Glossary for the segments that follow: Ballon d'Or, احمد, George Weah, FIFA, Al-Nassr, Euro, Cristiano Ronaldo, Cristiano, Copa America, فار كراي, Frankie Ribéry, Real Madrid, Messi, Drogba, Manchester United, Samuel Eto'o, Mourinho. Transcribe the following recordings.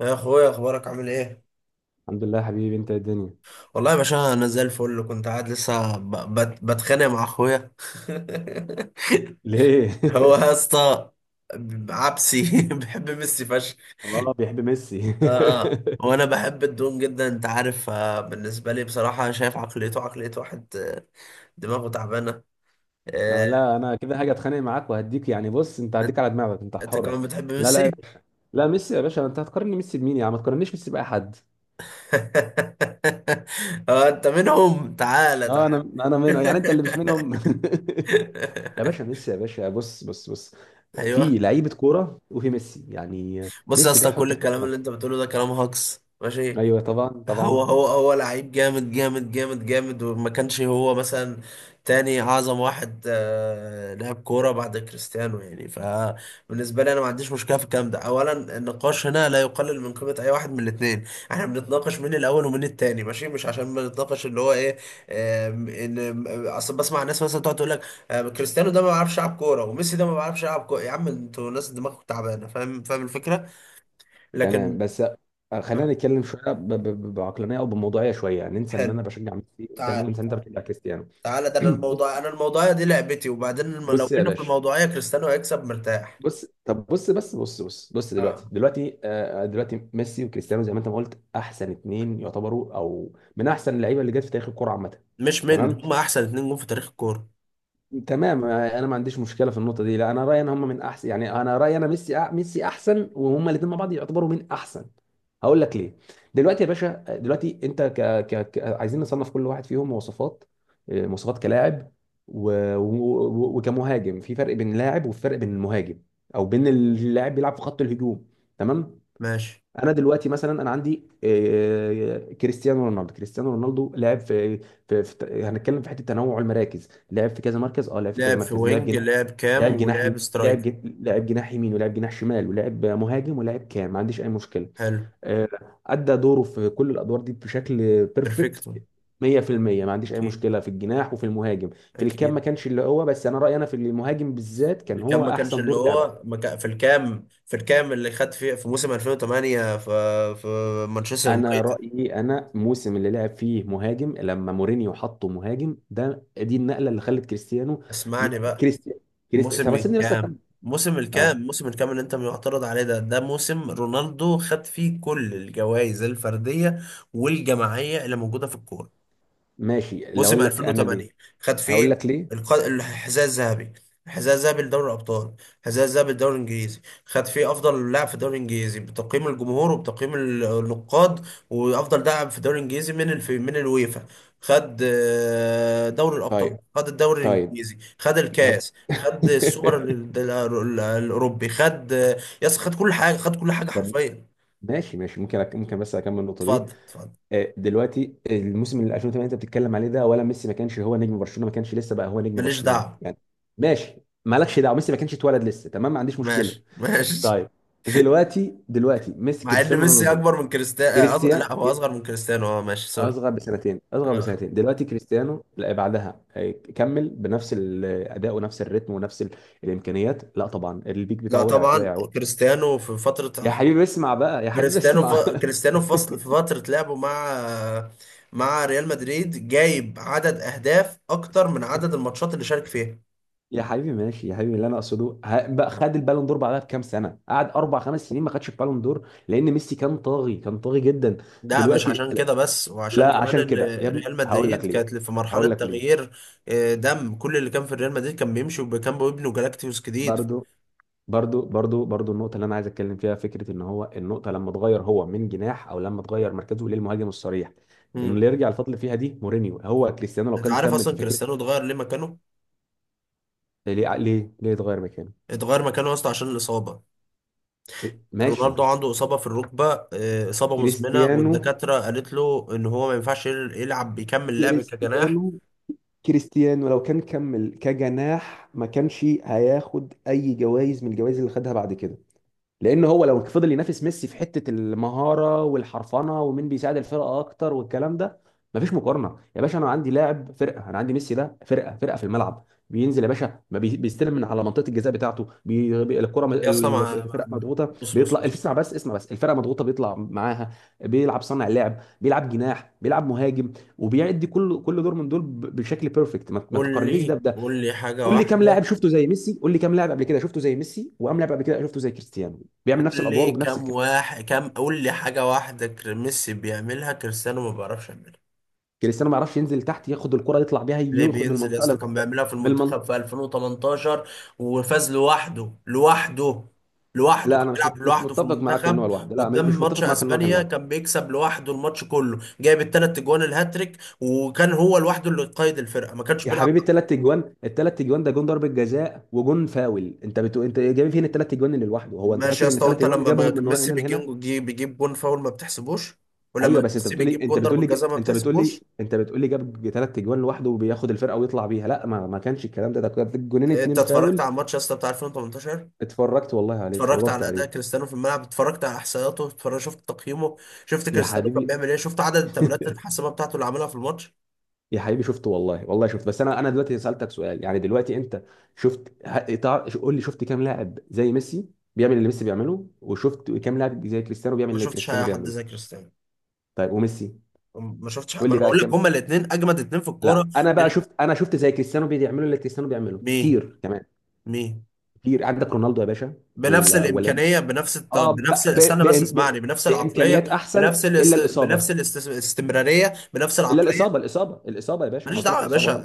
يا اخويا، اخبارك عامل ايه؟ الحمد لله يا حبيبي، انت إيه الدنيا؟ والله يا باشا انا زي الفل، كنت قاعد لسه بتخانق مع اخويا ليه؟ هو يا اسطى عبسي بحب ميسي فشخ. اه بيحب ميسي. اه وانا بحب الدون جدا، انت عارف آه، بالنسبه لي بصراحه أنا شايف عقليته عقليه واحد آه، دماغه تعبانه آه، لا، انا كده هاجي اتخانق معاك وهديك، يعني بص، انت انت هديك على دماغك، انت أنت حر. كمان بتحب لا لا ميسي. لا، ميسي يا باشا، انت هتقارني ميسي بمين يا عم؟ ما تقارنيش ميسي باي حد. اه انت منهم، تعالى اه، انا تعالى. انا منه، يعني انت اللي مش منهم. يا باشا ميسي يا باشا، بص بص بص، في ايوه، لعيبه كوره وفي ميسي، يعني بص يا ميسي ده اسطى كل حطه في الكلام حته. اللي انت بتقوله ده كلام هجص، ماشي. ايوه طبعا هو طبعا. هو هو لعيب جامد جامد جامد جامد، وما كانش هو مثلا تاني اعظم واحد آه، لعب كوره بعد كريستيانو يعني. فبالنسبه لي انا ما عنديش مشكله في الكلام ده. اولا النقاش هنا لا يقلل من قيمه اي واحد من الاثنين. احنا بنتناقش مين الاول ومين التاني، ماشي، مش عشان بنتناقش اللي هو ايه آه، ان اصل بسمع الناس مثلا تقعد تقول لك آه، كريستيانو ده ما بيعرفش يلعب كوره وميسي ده ما بيعرفش يلعب كوره. يا عم انتوا ناس دماغكم تعبانه. فاهم الفكره. تمام، لكن بس خلينا نتكلم شويه بعقلانيه او بموضوعيه شويه، ننسى ان انا حلو، بشجع ميسي، وننسى تعال وننسى إن انت بتشجع كريستيانو. تعال، ده انا بص، الموضوع، انا الموضوعيه دي لعبتي. وبعدين لو بص يا جينا في باشا، الموضوعيه كريستيانو هيكسب مرتاح. بص، طب بص بس بص بص بص، اه، دلوقتي، دلوقتي ميسي وكريستيانو زي ما انت ما قلت احسن اتنين يعتبروا، او من احسن اللعيبه اللي جت في تاريخ الكوره عامه. مش من تمام هم احسن اتنين جون في تاريخ الكوره؟ تمام، انا ما عنديش مشكله في النقطه دي، لا انا رايي ان هم من احسن، يعني انا رايي، انا ميسي ميسي احسن، وهم الاثنين مع بعض يعتبروا من احسن. هقول لك ليه. دلوقتي يا باشا، آه، دلوقتي انت ك... ك... ك... عايزين نصنف كل واحد فيهم مواصفات، مواصفات كلاعب و... و... وكمهاجم، في فرق بين لاعب وفرق بين المهاجم، او بين اللاعب بيلعب في خط الهجوم. تمام. ماشي. انا دلوقتي مثلا، انا عندي كريستيانو رونالدو، كريستيانو رونالدو لعب في، هنتكلم في حته تنوع المراكز، لعب في كذا مركز، لعب في كذا لعب في مركز، لعب وينج، جناح، لعب كام، لعب جناحي، ولعب لعب سترايكر. لعب جناح يمين ولعب جناح شمال ولعب مهاجم ولعب كام، ما عنديش اي مشكله. حلو. آه، ادى دوره في كل الادوار دي بشكل بيرفكت بيرفكتو. 100%. ما عنديش اي اكيد مشكله في الجناح وفي المهاجم، في الكام اكيد. ما كانش اللي هو، بس انا رايي، انا في المهاجم بالذات كان الكام هو ما كانش احسن اللي دور هو، لعبه. ما كان في الكام، اللي خد فيه في موسم 2008 في مانشستر انا يونايتد. رايي، انا الموسم اللي لعب فيه مهاجم لما مورينيو حطه مهاجم، ده دي النقله اللي خلت كريستيانو، اسمعني بقى. كريستيانو كريستيانو. طب سيبني بس اكمل. اه موسم الكام اللي انت معترض عليه ده، ده موسم رونالدو خد فيه كل الجوائز الفردية والجماعية اللي موجودة في الكورة. ماشي، اللي موسم اقول لك انا ليه، 2008 خد هقول فيه لك ليه. الحذاء الذهبي، الحذاء الذهبي لدوري الابطال، الحذاء الذهبي للدوري الانجليزي. خد فيه افضل لاعب في الدوري الانجليزي بتقييم الجمهور وبتقييم النقاد، وافضل لاعب في الدوري الانجليزي من من الويفا. خد آه، دوري الابطال، طيب خد الدوري طيب الانجليزي، خد طب الكاس، خد السوبر الاوروبي، خد آه، يس، خد كل حاجه، خد كل حاجه طب حرفيا. ماشي ماشي، ممكن بس اكمل النقطه دي. اتفضل اتفضل. دلوقتي الموسم اللي 2008 انت بتتكلم عليه ده، ولا ميسي ما كانش هو نجم برشلونه، ما كانش لسه بقى هو نجم ماليش برشلونه دعوه. يعني؟ ماشي، مالكش دعوه، ميسي ما كانش اتولد لسه، تمام، ما عنديش مشكله. ماشي ماشي. طيب، دلوقتي ميسي مع ان كريستيانو ميسي رونالدو، اكبر من كريستيانو، كريستيان لا هو ك- اصغر من كريستيانو، اه ماشي سوري. اصغر بسنتين، اصغر آه. بسنتين. دلوقتي كريستيانو لا بعدها، كمل بنفس الاداء ونفس الريتم ونفس الامكانيات، لا طبعا البيك بتاعه لا وقع طبعا. وقع. كريستيانو في فترة، يا حبيبي اسمع بقى، يا حبيبي كريستيانو ف... اسمع. كريستيانو في فصل، في فترة لعبه مع مع ريال مدريد، جايب عدد اهداف اكتر من عدد الماتشات اللي شارك فيها. يا حبيبي ماشي، يا حبيبي اللي انا اقصده بقى، خد البالون دور بعدها بكام سنه، قعد اربع خمس سنين ما خدش البالون دور لان ميسي كان طاغي، كان طاغي جدا. ده مش دلوقتي عشان كده بس، وعشان لا، كمان عشان ان كده يا ابني ريال هقول لك مدريد ليه، كانت في مرحلة هقول لك ليه. تغيير آه، دم كل اللي كان في ريال مدريد كان بيمشي، وكان بيبنوا جالاكتيوس جديد. برضه برضو برضو برضو النقطة اللي أنا عايز أتكلم فيها، فكرة إن هو النقطة لما اتغير هو من جناح، أو لما اتغير مركزه للمهاجم الصريح، إنه مم. اللي يرجع الفضل فيها دي مورينيو، هو كريستيانو لو انت كان عارف كمل في اصلا فكرة. كريستيانو اتغير ليه مكانه؟ ليه ليه ليه اتغير مكانه؟ اتغير مكانه يا اسطى عشان الاصابة. رونالدو ماشي. عنده إصابة في الركبة آه، إصابة مزمنة، كريستيانو والدكاترة قالت له إن هو ما ينفعش يلعب، يكمل لعب كجناح. كريستيانو كريستيانو لو كان كمل كجناح ما كانش هياخد أي جوائز من الجوائز اللي خدها بعد كده، لان هو لو فضل ينافس ميسي في حته المهاره والحرفنه ومين بيساعد الفرقه اكتر والكلام ده، مفيش مقارنه يا باشا. انا عندي لاعب فرقه، انا عندي ميسي، ده فرقه، فرقه في الملعب. بينزل يا باشا، ما بي- بيستلم من على منطقه الجزاء بتاعته، الكره، يا أصلا الفرقه مضغوطه بص بص بيطلع، بص. اسمع بس اسمع بس، الفرقه مضغوطه بيطلع معاها، بيلعب صانع لعب، بيلعب جناح، بيلعب مهاجم، وبيأدي كل دور من دول بشكل بيرفكت، ما قول تقارنيش لي ده. قول لي حاجة قول لي كام لاعب واحدة. شفته زي ميسي، قول لي كام لاعب قبل كده شفته زي ميسي، وكام لاعب قبل كده شفته زي كريستيانو بيعمل قول نفس الادوار لي وبنفس كم الكفاءه؟ واحد، قول لي حاجة واحدة ميسي بيعملها كريستيانو ما بيعرفش يعملها. كريستيانو ما يعرفش ينزل تحت ياخد الكره يطلع بيها ليه من بينزل يا المنطقه اسطى؟ كان للمنطقه، بيعملها في من المنتخب في المنطقة. 2018، وفاز لوحده. لوحده لوحده لا كان انا بيلعب مش لوحده في متفق معاك ان هو المنتخب. لوحده، لا مش قدام مش ماتش متفق معاك ان هو كان اسبانيا لوحده. كان بيكسب لوحده، الماتش كله جايب الثلاث اجوان الهاتريك، وكان هو لوحده اللي قائد الفرقه، ما كانش يا بيلعب. حبيبي الثلاث اجوان، الثلاث اجوان ده جون ضربه جزاء وجون فاول، انت بتقول، انت جايب فين الثلاث اجوان اللي لوحده هو؟ انت ماشي فاكر يا ان اسطى، الثلاث وانت اجوان اللي لما جابهم من ميسي هنا لهنا؟ بيجيب جون فاول ما بتحسبوش؟ ايوه ولما بس ميسي بيجيب جون ضربه جزاء ما بتحسبوش؟ انت بتقولي جاب ثلاث اجوان لوحده وبياخد الفرقه ويطلع بيها؟ لا ما كانش الكلام ده، ده كان جونين، انت اتنين اتفرجت فاول. على الماتش يا اسطى بتاع 2018؟ اتفرجت والله عليه، اتفرجت اتفرجت على عليه. اداء كريستيانو في الملعب؟ اتفرجت على احصائياته؟ اتفرجت، شفت تقييمه؟ شفت يا كريستيانو كان حبيبي بيعمل ايه؟ شفت عدد التمريرات الحاسمه بتاعته اللي عملها في الماتش؟ يا حبيبي شفته والله، والله شفت، بس انا دلوقتي سألتك سؤال يعني، دلوقتي انت شفت، قول لي شفت كام لاعب زي ميسي بيعمل اللي ميسي بيعمله، وشفت كام لاعب زي كريستيانو بيعمل ما اللي شفتش كريستيانو حد بيعمله؟ زي كريستيانو. طيب وميسي؟ ما شفتش حد. قول ما لي انا بقى بقول لك كام. هما الاثنين اجمد اثنين في الكوره. لا انا بقى شفت، انا شفت زي كريستيانو بيعمله، اللي كريستيانو بيعمله مين؟ كتير كمان. مين؟ كتير، عندك رونالدو يا باشا، بنفس الاولاني، الامكانيه، اه ب... بنفس ب... استنى ب... بس اسمعني بنفس العقليه، بامكانيات احسن. بنفس الاس... الا الاصابه، بنفس الاست... الاستمراريه، بنفس الا العقليه. الاصابه، الاصابه الاصابه يا باشا، انا ماليش قلت لك دعوه يا الاصابه باشا. اهو.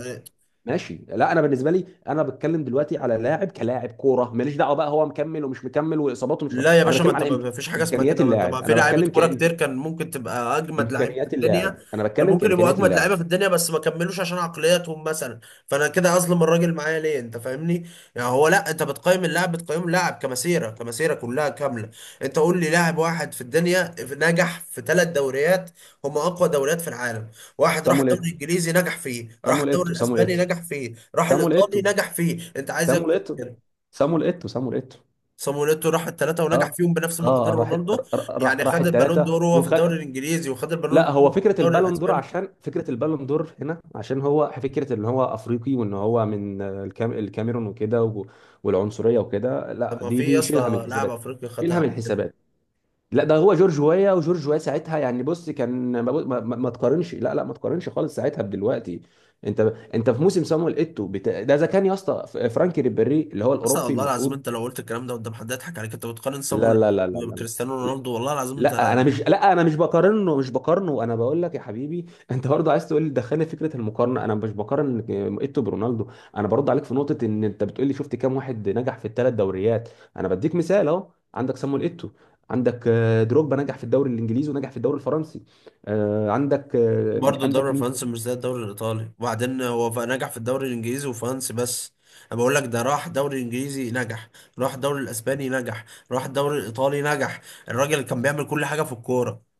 ماشي، لا انا بالنسبه لي، انا بتكلم دلوقتي على لاعب كلاعب كوره، ماليش دعوه بقى هو مكمل ومش مكمل، واصاباته مش لا إصاباته، يا انا باشا، ما بتكلم انت على ما فيش حاجه اسمها امكانيات كده. ما انت ما اللاعب، في انا لعيبه بتكلم كوره كتير كان ممكن تبقى اجمد لعيبه في امكانيات الدنيا، اللاعب، انا كان بتكلم ممكن يبقوا كامكانيات اجمد اللاعب. لعيبه في الدنيا، بس ما كملوش عشان عقلياتهم مثلا. فانا كده اظلم الراجل معايا ليه؟ انت فاهمني؟ يعني هو، لا انت بتقيم اللاعب، بتقيم اللاعب كمسيره، كمسيره كلها كامله. انت قول لي لاعب واحد في الدنيا نجح في ثلاث دوريات، هم اقوى دوريات في العالم. واحد راح صامويل الدوري ايتو، الانجليزي نجح فيه، راح صامويل الدوري ايتو، صامويل الاسباني نجح فيه، راح ايتو، الايطالي نجح فيه. انت عايز صامويل اكتر من ايتو، كده؟ صامويل ايتو، صامويل ايتو، صامويل ايتو. صاموليتو راح الثلاثه ونجح اه فيهم بنفس اه، مقدار راح رونالدو؟ راح يعني راح خد البالون الثلاثه دور هو في الدوري الانجليزي وخد لا، البالون هو دور في فكره الدوري البالون دور، الاسباني؟ عشان فكره البالون دور هنا، عشان هو فكره ان هو افريقي وان هو من الكاميرون وكده والعنصريه وكده، لا، طب ما دي في يا دي شيلها من اسطى لاعب الحسابات، افريقي خدها شيلها من قبل كده؟ الحسابات. لا، ده هو جورج ويا، وجورج ويا ساعتها يعني، بص كان ما تقارنش، لا لا، ما تقارنش خالص ساعتها بدلوقتي. انت انت في موسم صامويل ايتو ده اذا كان يا اسطى فرانكي ريبيري اللي هو اصلا الاوروبي والله العظيم المفروض. انت لو قلت الكلام ده قدام حد هيضحك عليك. انت بتقارن لا صاموليتو لا لا لا لا، بكريستيانو رونالدو؟ والله العظيم انت. لا انا مش، لا انا مش بقارنه مش بقارنه، انا بقول لك يا حبيبي، انت برضه عايز تقول لي، دخلني فكره المقارنه، انا مش بقارن ايتو برونالدو. انا برد عليك في نقطه ان انت بتقول لي شفت كام واحد نجح في الثلاث دوريات، انا بديك مثال اهو، عندك سامويل ايتو، عندك دروجبا نجح في الدوري الانجليزي ونجح في الدوري الفرنسي، برضه الدوري عندك مين؟ الفرنسي مش زي الدوري الايطالي. وبعدين هو نجح في الدوري الانجليزي وفرنسي بس. انا بقول لك ده راح دوري انجليزي نجح، راح الدوري الاسباني نجح، راح الدوري الايطالي نجح. الراجل كان بيعمل كل حاجه في الكوره.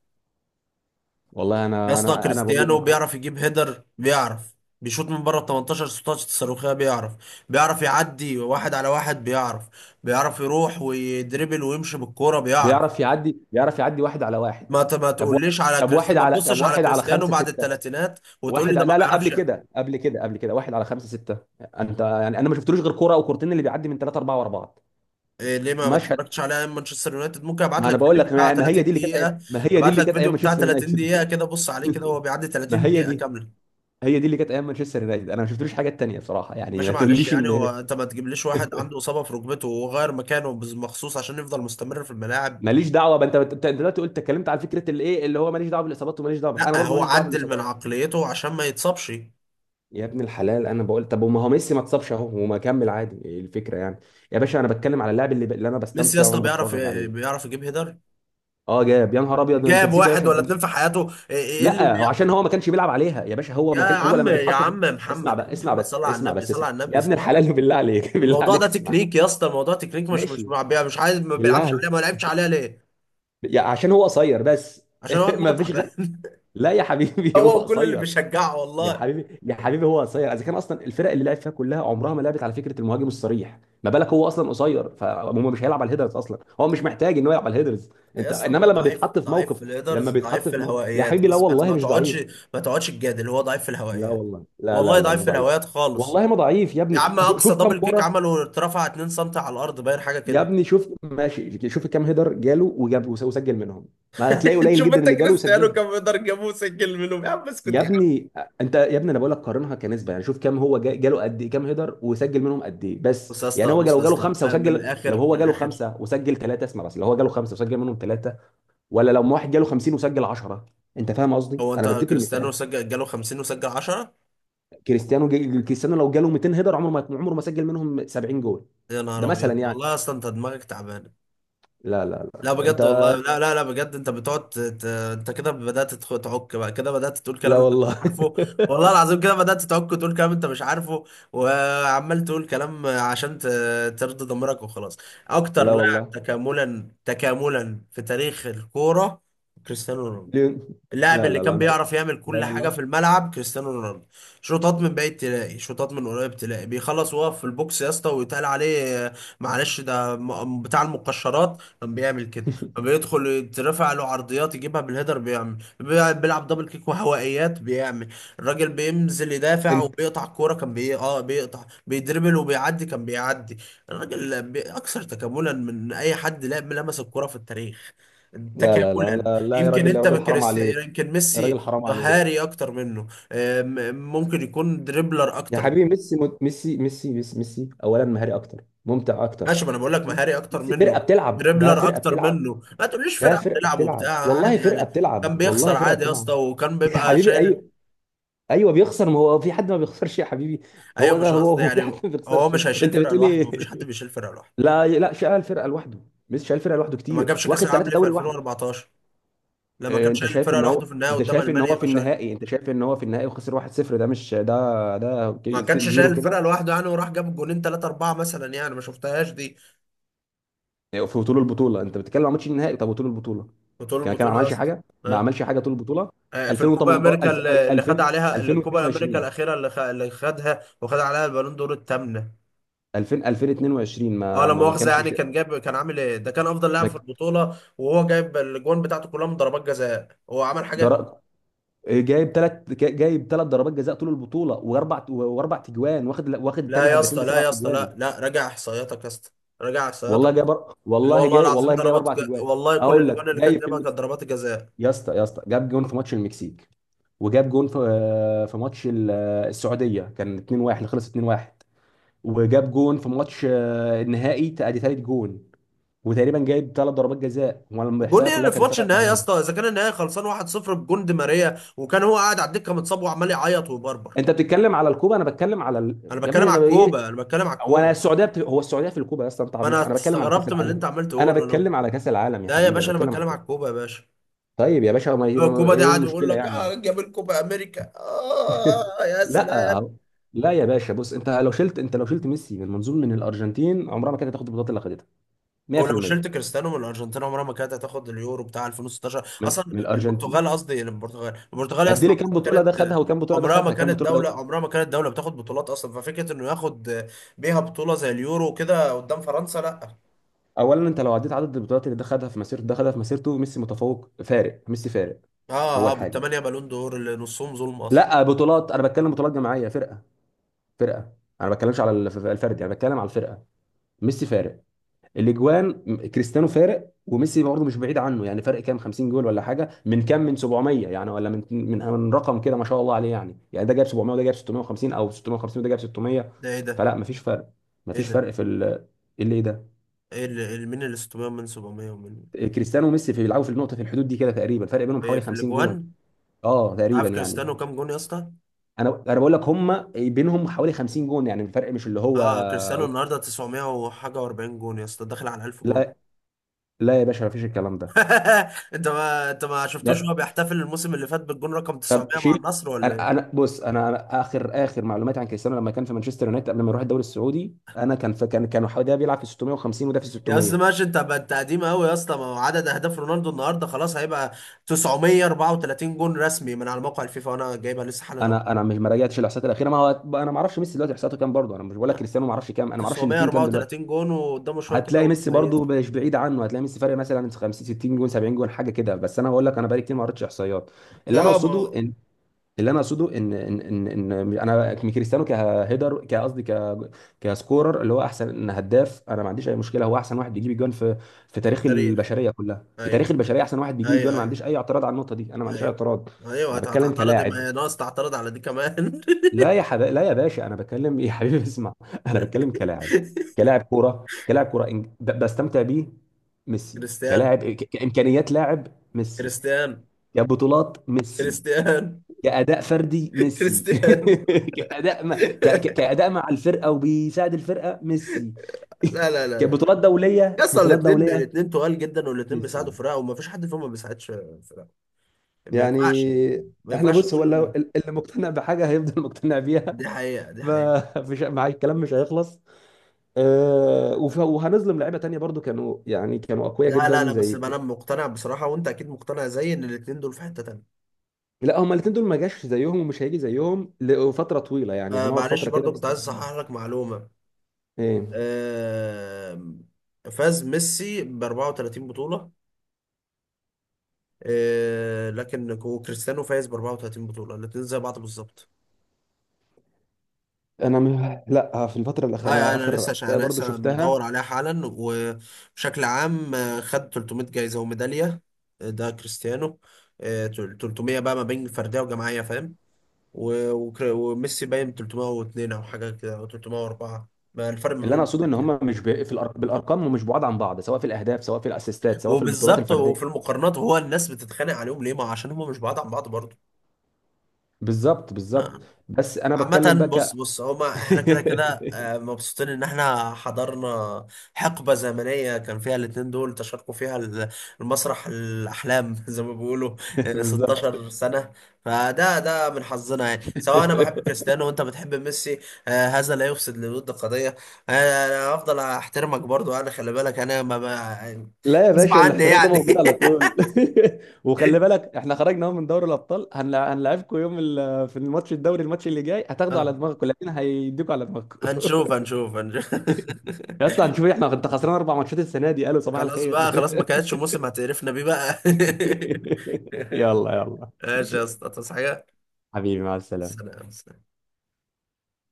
والله يا انا، اسطى انا بقول كريستيانو لك اهو، بيعرف يجيب هيدر بيعرف، بيشوط من بره ال 18 16 صاروخيه بيعرف، بيعرف يعدي واحد على واحد بيعرف، بيعرف يروح ويدربل ويمشي بالكوره بيعرف. بيعرف يعدي، بيعرف يعدي واحد على واحد. ما طب واحد تقوليش على كريستيانو، ما طب تبصش على واحد على كريستيانو خمسه بعد سته، الثلاثينات وتقول لي واحد، ده ما لا لا قبل بيعرفش يعني. كده، قبل كده واحد على خمسة ستة. انت يعني انا ما شفتلوش غير كرة او كورتين اللي بيعدي من ثلاثة أربعة ورا بعض، إيه ليه ما مشهد. اتفرجتش على أيام مانشستر يونايتد؟ ممكن ابعت ما انا لك بقول فيديو لك، بتاع ما هي دي 30 اللي كانت دقيقه، ما هي دي ابعت اللي لك كانت ايام فيديو بتاع مانشستر 30 دقيقه يونايتد. كده، بص عليه كده، هو بيعدي ما 30 هي دقيقه دي كامله. هي دي اللي كانت ايام مانشستر يونايتد، انا ما شفتلوش حاجات تانية بصراحة يعني، ماشي ما معلش تقوليش يعني. هو ان، انت ما تجيبليش واحد عنده اصابه في ركبته وغير مكانه مخصوص عشان يفضل مستمر في الملاعب. ماليش دعوة بقى. انت أنت دلوقتي قلت، اتكلمت على فكرة الايه اللي هو ماليش دعوة بالاصابات وماليش دعوة، انا لا برضو هو ماليش دعوة عدل من بالاصابات. عقليته عشان ما يتصابش. يا ابن الحلال، انا بقول طب، وما هو ميسي ما اتصابش اهو وما كمل عادي، إيه الفكرة يعني؟ يا باشا انا بتكلم على اللاعب اللي، اللي انا ميسي يا بستمتع اسطى وانا بيعرف، بتفرج عليه. بيعرف يجيب هيدر؟ اه جاب، يا نهار ابيض، انت جاب نسيت يا واحد باشا ولا في اتنين في حياته. ايه إيه إيه لا، هو عشان هو ما كانش بيلعب عليها يا باشا، هو يا ما كان هو عم لما يا بيتحط في، عم اسمع محمد، يا بقى، عم اسمع محمد بس صلى على اسمع النبي، بس صلى اسمع على يا النبي، ابن صلى على النبي. الحلال، بالله عليك، بالله الموضوع عليك ده اسمع. تكنيك يا اسطى، الموضوع تكنيك. ماشي، مش عايز، ما بالله بيلعبش عليك، عليها، ما لعبش عليها ليه؟ يا عشان هو قصير بس. عشان هو دماغه ما فيش غير. تعبان. لا يا حبيبي، هو هو وكل اللي قصير، بيشجعه يا والله. حبيبي يا حبيبي هو قصير، اذا كان اصلا الفرق اللي لعب فيها كلها عمرها ما لعبت على فكره المهاجم الصريح، ما بالك هو اصلا قصير، فهو مش هيلعب على الهيدرز اصلا، هو مش محتاج ان هو يلعب على الهيدرز. يا انت اسطى انما هو لما ضعيف، بيتحط في ضعيف في موقف، الهيدرز، لما ضعيف بيتحط في في موقف يا الهوائيات، حبيبي، لا بس ما والله ما مش تقعدش، ضعيف، ما تقعدش تجادل، هو ضعيف في لا الهوائيات. والله، لا لا والله لا مش ضعيف في ضعيف، الهوايات خالص. والله ما ضعيف يا يا ابني، عم اقصى شوف كام دبل كيك كرة. عمله اترفع 2 سم على الارض، باين حاجه يا كده. ابني شوف ماشي، شوف كام هيدر جاله، وجاب وسجل منهم، ما هتلاقي قليل شوف جدا انت اللي جاله كريستيانو وسجلهم. كم يقدر جابوه سجل منهم. يا عم اسكت يا يا عم. ابني، انت يا ابني، انا بقول لك قارنها كنسبة يعني، شوف كام هو جاله قد ايه، كام هيدر وسجل منهم قد ايه، بس بص يا يعني اسطى، هو بص لو يا جاله اسطى خمسة أه، من وسجل، لو الاخر، هو من جاله الاخر، خمسة وسجل ثلاثة، اسمع بس، لو هو جاله خمسة وسجل منهم ثلاثة، ولا لو واحد جاله 50 وسجل 10، انت فاهم قصدي؟ هو انا انت بديك كريستيانو المثال، سجل جاله 50 وسجل 10؟ كريستيانو لو جاله 200 هيدر، عمره ما سجل منهم 70 جول، يا ده نهار مثلا ابيض، يعني. والله اصلا انت دماغك تعبانه. لا لا لا لا انت، بجد والله، لا لا لا بجد، انت بتقعد انت كده بدأت تعك بقى، كده بدأت تقول لا كلام انت مش والله، عارفه. والله العظيم كده بدأت تعك وتقول كلام انت مش عارفه، وعمال تقول كلام عشان ترضي ضميرك وخلاص. اكتر لا لاعب والله، تكاملا، تكاملا في تاريخ الكورة، كريستيانو رونالدو. ليه؟ اللاعب لا اللي لا لا كان مش، بيعرف يعمل لا كل حاجة والله، في الملعب، كريستيانو رونالدو. شوطات من بعيد تلاقي، شوطات من قريب تلاقي، بيخلص وهو في البوكس يا اسطى ويتقال عليه آه، معلش ده بتاع المقشرات، كان بيعمل كده. بيدخل يترفع له عرضيات يجيبها بالهيدر بيعمل، بيلعب دبل كيك وهوائيات بيعمل، الراجل بينزل يدافع انت، وبيقطع الكورة، كان بي... اه بيقطع، بيدربل وبيعدي كان بيعدي. الراجل أكثر تكاملا من أي حد لعب لمس الكورة في التاريخ، لا لا لا تكاملا. لا، لا يا يمكن راجل، يا انت راجل حرام بكريستيانو، عليك، يمكن يا راجل ميسي حرام مهاري عليك، اكتر منه آم، ممكن يكون دريبلر يا اكتر. حبيبي ميسي، ميسي, ميسي. اولا مهاري اكتر ممتع اكتر. ماشي، ما انا بقول لك مهاري اكتر ميسي فرقه منه، بتلعب، ده دريبلر فرقه اكتر بتلعب، منه. ما تقوليش ده فرقه فرقه بتلعب بتلعب وبتاع والله، عادي فرقه يعني. كان بتلعب بيخسر والله، فرقه عادي يا اسطى، بتلعب وكان يا بيبقى حبيبي. شايل. ايوه، ايوه بيخسر، ما هو في حد ما بيخسرش يا حبيبي. هو ايوه ده، مش هو قصدي هو في حد يعني، ما هو بيخسرش. مش هيشيل انت فرقه بتقول لوحده، مفيش ايه؟ حد بيشيل فرقه لوحده. لا لا، شال الفرقه لوحده. ميسي شال الفرقه لوحده ما كتير، جابش واخد كاس العالم ثلاثه ليه في دوري لوحده. 2014 لما كان انت شايل شايف الفرقه ان هو، لوحده، في النهائي انت قدام شايف ان هو المانيا في ما شايل؟ النهائي، انت شايف ان هو في النهائي وخسر 1-0. ده مش ده ما كانش زيرو شايل الفرقه كده. لوحده يعني، وراح جاب جونين ثلاثه اربعه مثلا يعني، ما شفتهاش دي. في طول البطوله انت بتتكلم عن ماتش النهائي؟ طب وطول البطوله بطول كان البطوله يا عملش اسطى. حاجه، ما عملش حاجه طول البطوله. آه، في الكوبا 2018 امريكا اللي اللي خد 2000 عليها، اللي الكوبا امريكا 2022 الاخيره اللي خدها وخد عليها البالون دور الثامنه. 2000 2022 اه ما لا ما ما مؤاخذه يعني، كان جاب، كان عامل ايه؟ ده كان افضل لاعب ما في ك- البطوله، وهو جايب الاجوان بتاعته كلها من ضربات جزاء. هو عمل حاجه؟ در... جايب ثلاث، جايب 3 ضربات جزاء طول البطوله، واربع تجوان، واخد لا تاني يا هدافين اسطى، لا بسبع يا اسطى، تجوان. لا لا، راجع احصائياتك يا اسطى، راجع والله احصائياتك. لا والله والله العظيم والله جايب 4 اجوان والله كل اقول لك، الاجوان اللي كان جاي في جابها كانت المكسيك. ضربات الجزاء. يا اسطى، يا اسطى جاب جون في ماتش المكسيك، وجاب جون في في ماتش السعوديه، كان 2-1 اللي خلص 2-1، وجاب جون في ماتش النهائي ادي ثالث جون. وتقريبا جايب 3 ضربات جزاء، وانا جون الاحصائيه ايه كلها اللي في كان ماتش 7 النهائي يا اجوان. اسطى اذا كان النهائي خلصان 1-0 بجون دي ماريا، وكان هو قاعد على الدكه متصاب وعمال يعيط ويبربر؟ انت بتتكلم على الكوبا، انا بتكلم على انا يا ابني بتكلم انا على ايه. الكوبا، انا بتكلم على هو انا الكوبا. السعوديه هو السعوديه في الكوبا يا اسطى؟ انت ما عبيط، انا انا بتكلم على كاس استغربت من اللي العالم. انت عمال انا تقوله له. بتكلم على كاس العالم يا ده يا حبيبي، انا باشا انا بتكلم على بتكلم كاس. على الكوبا يا باشا. طيب يا باشا هو الكوبا دي ايه قاعد يقول المشكله لك يعني؟ اه جاب الكوبا امريكا، اه يا لا هو- سلام. لا يا باشا، بص، انت لو شلت انت لو شلت ميسي من منظور، من الارجنتين عمرها ما كانت هتاخد البطولات اللي خدتها. ولو 100%. شلت كريستيانو من الارجنتين عمرها ما كانت هتاخد اليورو بتاع 2016. من اصلا من البرتغال الارجنتين قصدي يعني، البرتغال، البرتغال يا قد اسطى لي كام عمرها بطوله ما ده خدها، كانت، وكام بطوله ده عمرها ما خدها، كام كانت بطوله ده؟ دولة، عمرها ما كانت دولة بتاخد بطولات اصلا. ففكرة انه ياخد بيها بطولة زي اليورو كده قدام فرنسا، لا. اولا انت لو عديت عدد البطولات، اللي ده خدها في مسيرته، ده خدها في مسيرته، ميسي متفوق، فارق، ميسي فارق. اه اول حاجه، بالثمانية بالون دور اللي نصهم ظلم اصلا. لا بطولات، انا بتكلم بطولات جماعيه فرقه، فرقه، انا ما بتكلمش على الفرد يعني، بتكلم على الفرقه. ميسي فارق. كريستيانو فارق، وميسي برضه مش بعيد عنه يعني، فرق كام 50 جول ولا حاجه، من كام، من 700 يعني، ولا من من رقم كده ما شاء الله عليه يعني ده جايب 700 وده جايب 650 او 650 وده جايب 600. ده ايه ده؟ فلا مفيش فرق، ايه مفيش ده؟ فرق في ال، إيه اللي إيه ده. ايه اللي، مين اللي 600 من 700 ومن؟ كريستيانو وميسي في بيلعبوا في النقطه، في الحدود دي كده تقريبا، فرق بينهم إيه حوالي في 50 جون. الاجوان؟ اه تقريبا عارف يعني. كريستيانو كام جون يا اسطى؟ انا بقول لك هم بينهم حوالي 50 جون يعني، الفرق مش اللي هو. اه كريستيانو النهارده 900 وحاجه و40 جون يا اسطى، داخل على 1000 جون. لا، لا يا باشا، مفيش الكلام ده. انت، ما انت ما شفتوش هو بيحتفل الموسم اللي فات بالجون رقم 900 طب مع شيل. النصر ولا انا ايه؟ انا بص، انا اخر معلوماتي عن كريستيانو لما كان في مانشستر يونايتد قبل ما يروح الدوري السعودي، انا كان في، كانوا حوالي ده بيلعب في 650 وده في يا اسطى 600. ماشي، انت بقت قديم قوي يا اسطى، ما هو عدد اهداف رونالدو النهارده خلاص هيبقى 934 جون رسمي من على موقع الفيفا، وانا جايبها لسه حالا اهو. انا مش، ما راجعتش الاحصائيات الاخيره ما هو. انا ما اعرفش ميسي دلوقتي احصائياته كام برضه، انا مش بقول لك، كريستيانو ما اعرفش كام، انا ما اعرفش الاثنين كام دلوقتي. 934 جون، وقدامه شويه هتلاقي كده ميسي وهيدخل. برضه مش بعيد عنه، هتلاقي ميسي فارق مثلا 50 60 جون 70 جون حاجه كده. بس انا بقول لك، انا بقالي كتير ما قريتش احصائيات. اللي انا اه ما اقصده، هو اللي انا اقصده ان انا كريستيانو كهيدر كقصدي ك كسكورر، اللي هو احسن هداف انا ما عنديش اي مشكله، هو احسن واحد بيجيب الجوان في، في تاريخ التاريخ. البشريه كلها، في ايوه، تاريخ البشريه احسن واحد بيجيب الجوان، ايوه ما ايوه عنديش اي اعتراض على النقطه دي، انا ما عنديش اي ايوه، اعتراض. ايوه انا بتكلم هتعترض إيه؟ ما كلاعب. هي ناقص تعترض على دي كمان. لا يا باشا، انا بتكلم إيه، يا حبيبي اسمع انا بتكلم كلاعب، كلاعب كوره كلاعب كوره بستمتع بيه. ميسي كريستيانو. كلاعب كامكانيات لاعب ميسي. كريستيانو. كبطولات ميسي. كريستيانو. كأداء فردي ميسي. كريستيانو. كأداء ما ك... ك- كأداء مع الفرقة وبيساعد الفرقة ميسي. لا لا لا لا. كبطولات يا دولية، اسطى بطولات الاثنين، دولية الاثنين تقال جدا، والاثنين ميسي بيساعدوا فرقه وما فيش حد فيهم ما بيساعدش فرقه. ما يعني. ينفعش، ما احنا ينفعش بص، هو اللي تقول. اللي مقتنع بحاجة هيفضل مقتنع بيها. دي حقيقه، دي حقيقه. فمش مع الكلام مش هيخلص. وهنظلم لعيبة تانية برضو، كانوا يعني كانوا أقوياء لا لا جدا لا، بس زي. انا مقتنع بصراحه، وانت اكيد مقتنع زيي ان الاثنين دول في حته تانيه. لا هما الاتنين دول ما جاش زيهم ومش هيجي زيهم لفترة طويلة يعني، آه هنقعد معلش، فترة كده برضو كنت عايز اصحح مستنيين. لك معلومه. ايه؟ آه، فاز ميسي ب 34 بطوله آه، لكن، وكريستيانو فايز ب 34 بطولة، الاتنين زي بعض بالظبط. لا، في الفتره الاخيره اه يعني انا انا اخر لسه، عشان احصائيه انا برضو لسه مدور شفتها. عليها حالا. وبشكل عام آه، خد 300 جايزة وميدالية آه، ده كريستيانو آه، 300 بقى ما بين فردية وجماعية، فاهم؟ وميسي باين 302 او حاجة كده او 304. ما الفرق ما اللي انا بينهم اقصده ان بسيط يعني. هم مش في بالارقام، ومش بعاد عن بعض، سواء في الاهداف سواء في الاسيستات سواء في البطولات وبالظبط، الفرديه. وفي المقارنات هو الناس بتتخانق عليهم ليه؟ ما عشان هم مش بعاد عن بعض برضه. بالظبط بالظبط. آه. بس انا بتكلم عامة بقى بص بص، هما احنا كده كده آه، مبسوطين ان احنا حضرنا حقبة زمنية كان فيها الاتنين دول تشاركوا فيها المسرح الأحلام زي ما بيقولوا آه، بالظبط. 16 سنة. فده، ده من حظنا يعني، سواء انا بحب كريستيانو وانت بتحب ميسي آه، هذا لا يفسد للود قضية. آه، انا هفضل احترمك برضو، انا خلي بالك انا لا يا غصب باشا، عني الاحترام ده موجود يعني. على طول. وخلي بالك احنا خرجنا اهو من دوري الابطال، هنلعبكم يوم في الماتش الدوري، الماتش اللي جاي هتاخدوا على آه، دماغكم، لكن هيديكوا على دماغكم. هنشوف هنشوف هنشوف. يا اسطى هنشوف، احنا انت خسران 4 ماتشات السنه دي قالوا صباح خلاص بقى الخير. خلاص، ما كانتش موسم هتقرفنا بيه بقى. يلا يلا. ماشي يا اسطى، تصحى حاجة؟ حبيبي، مع السلامة. سلام.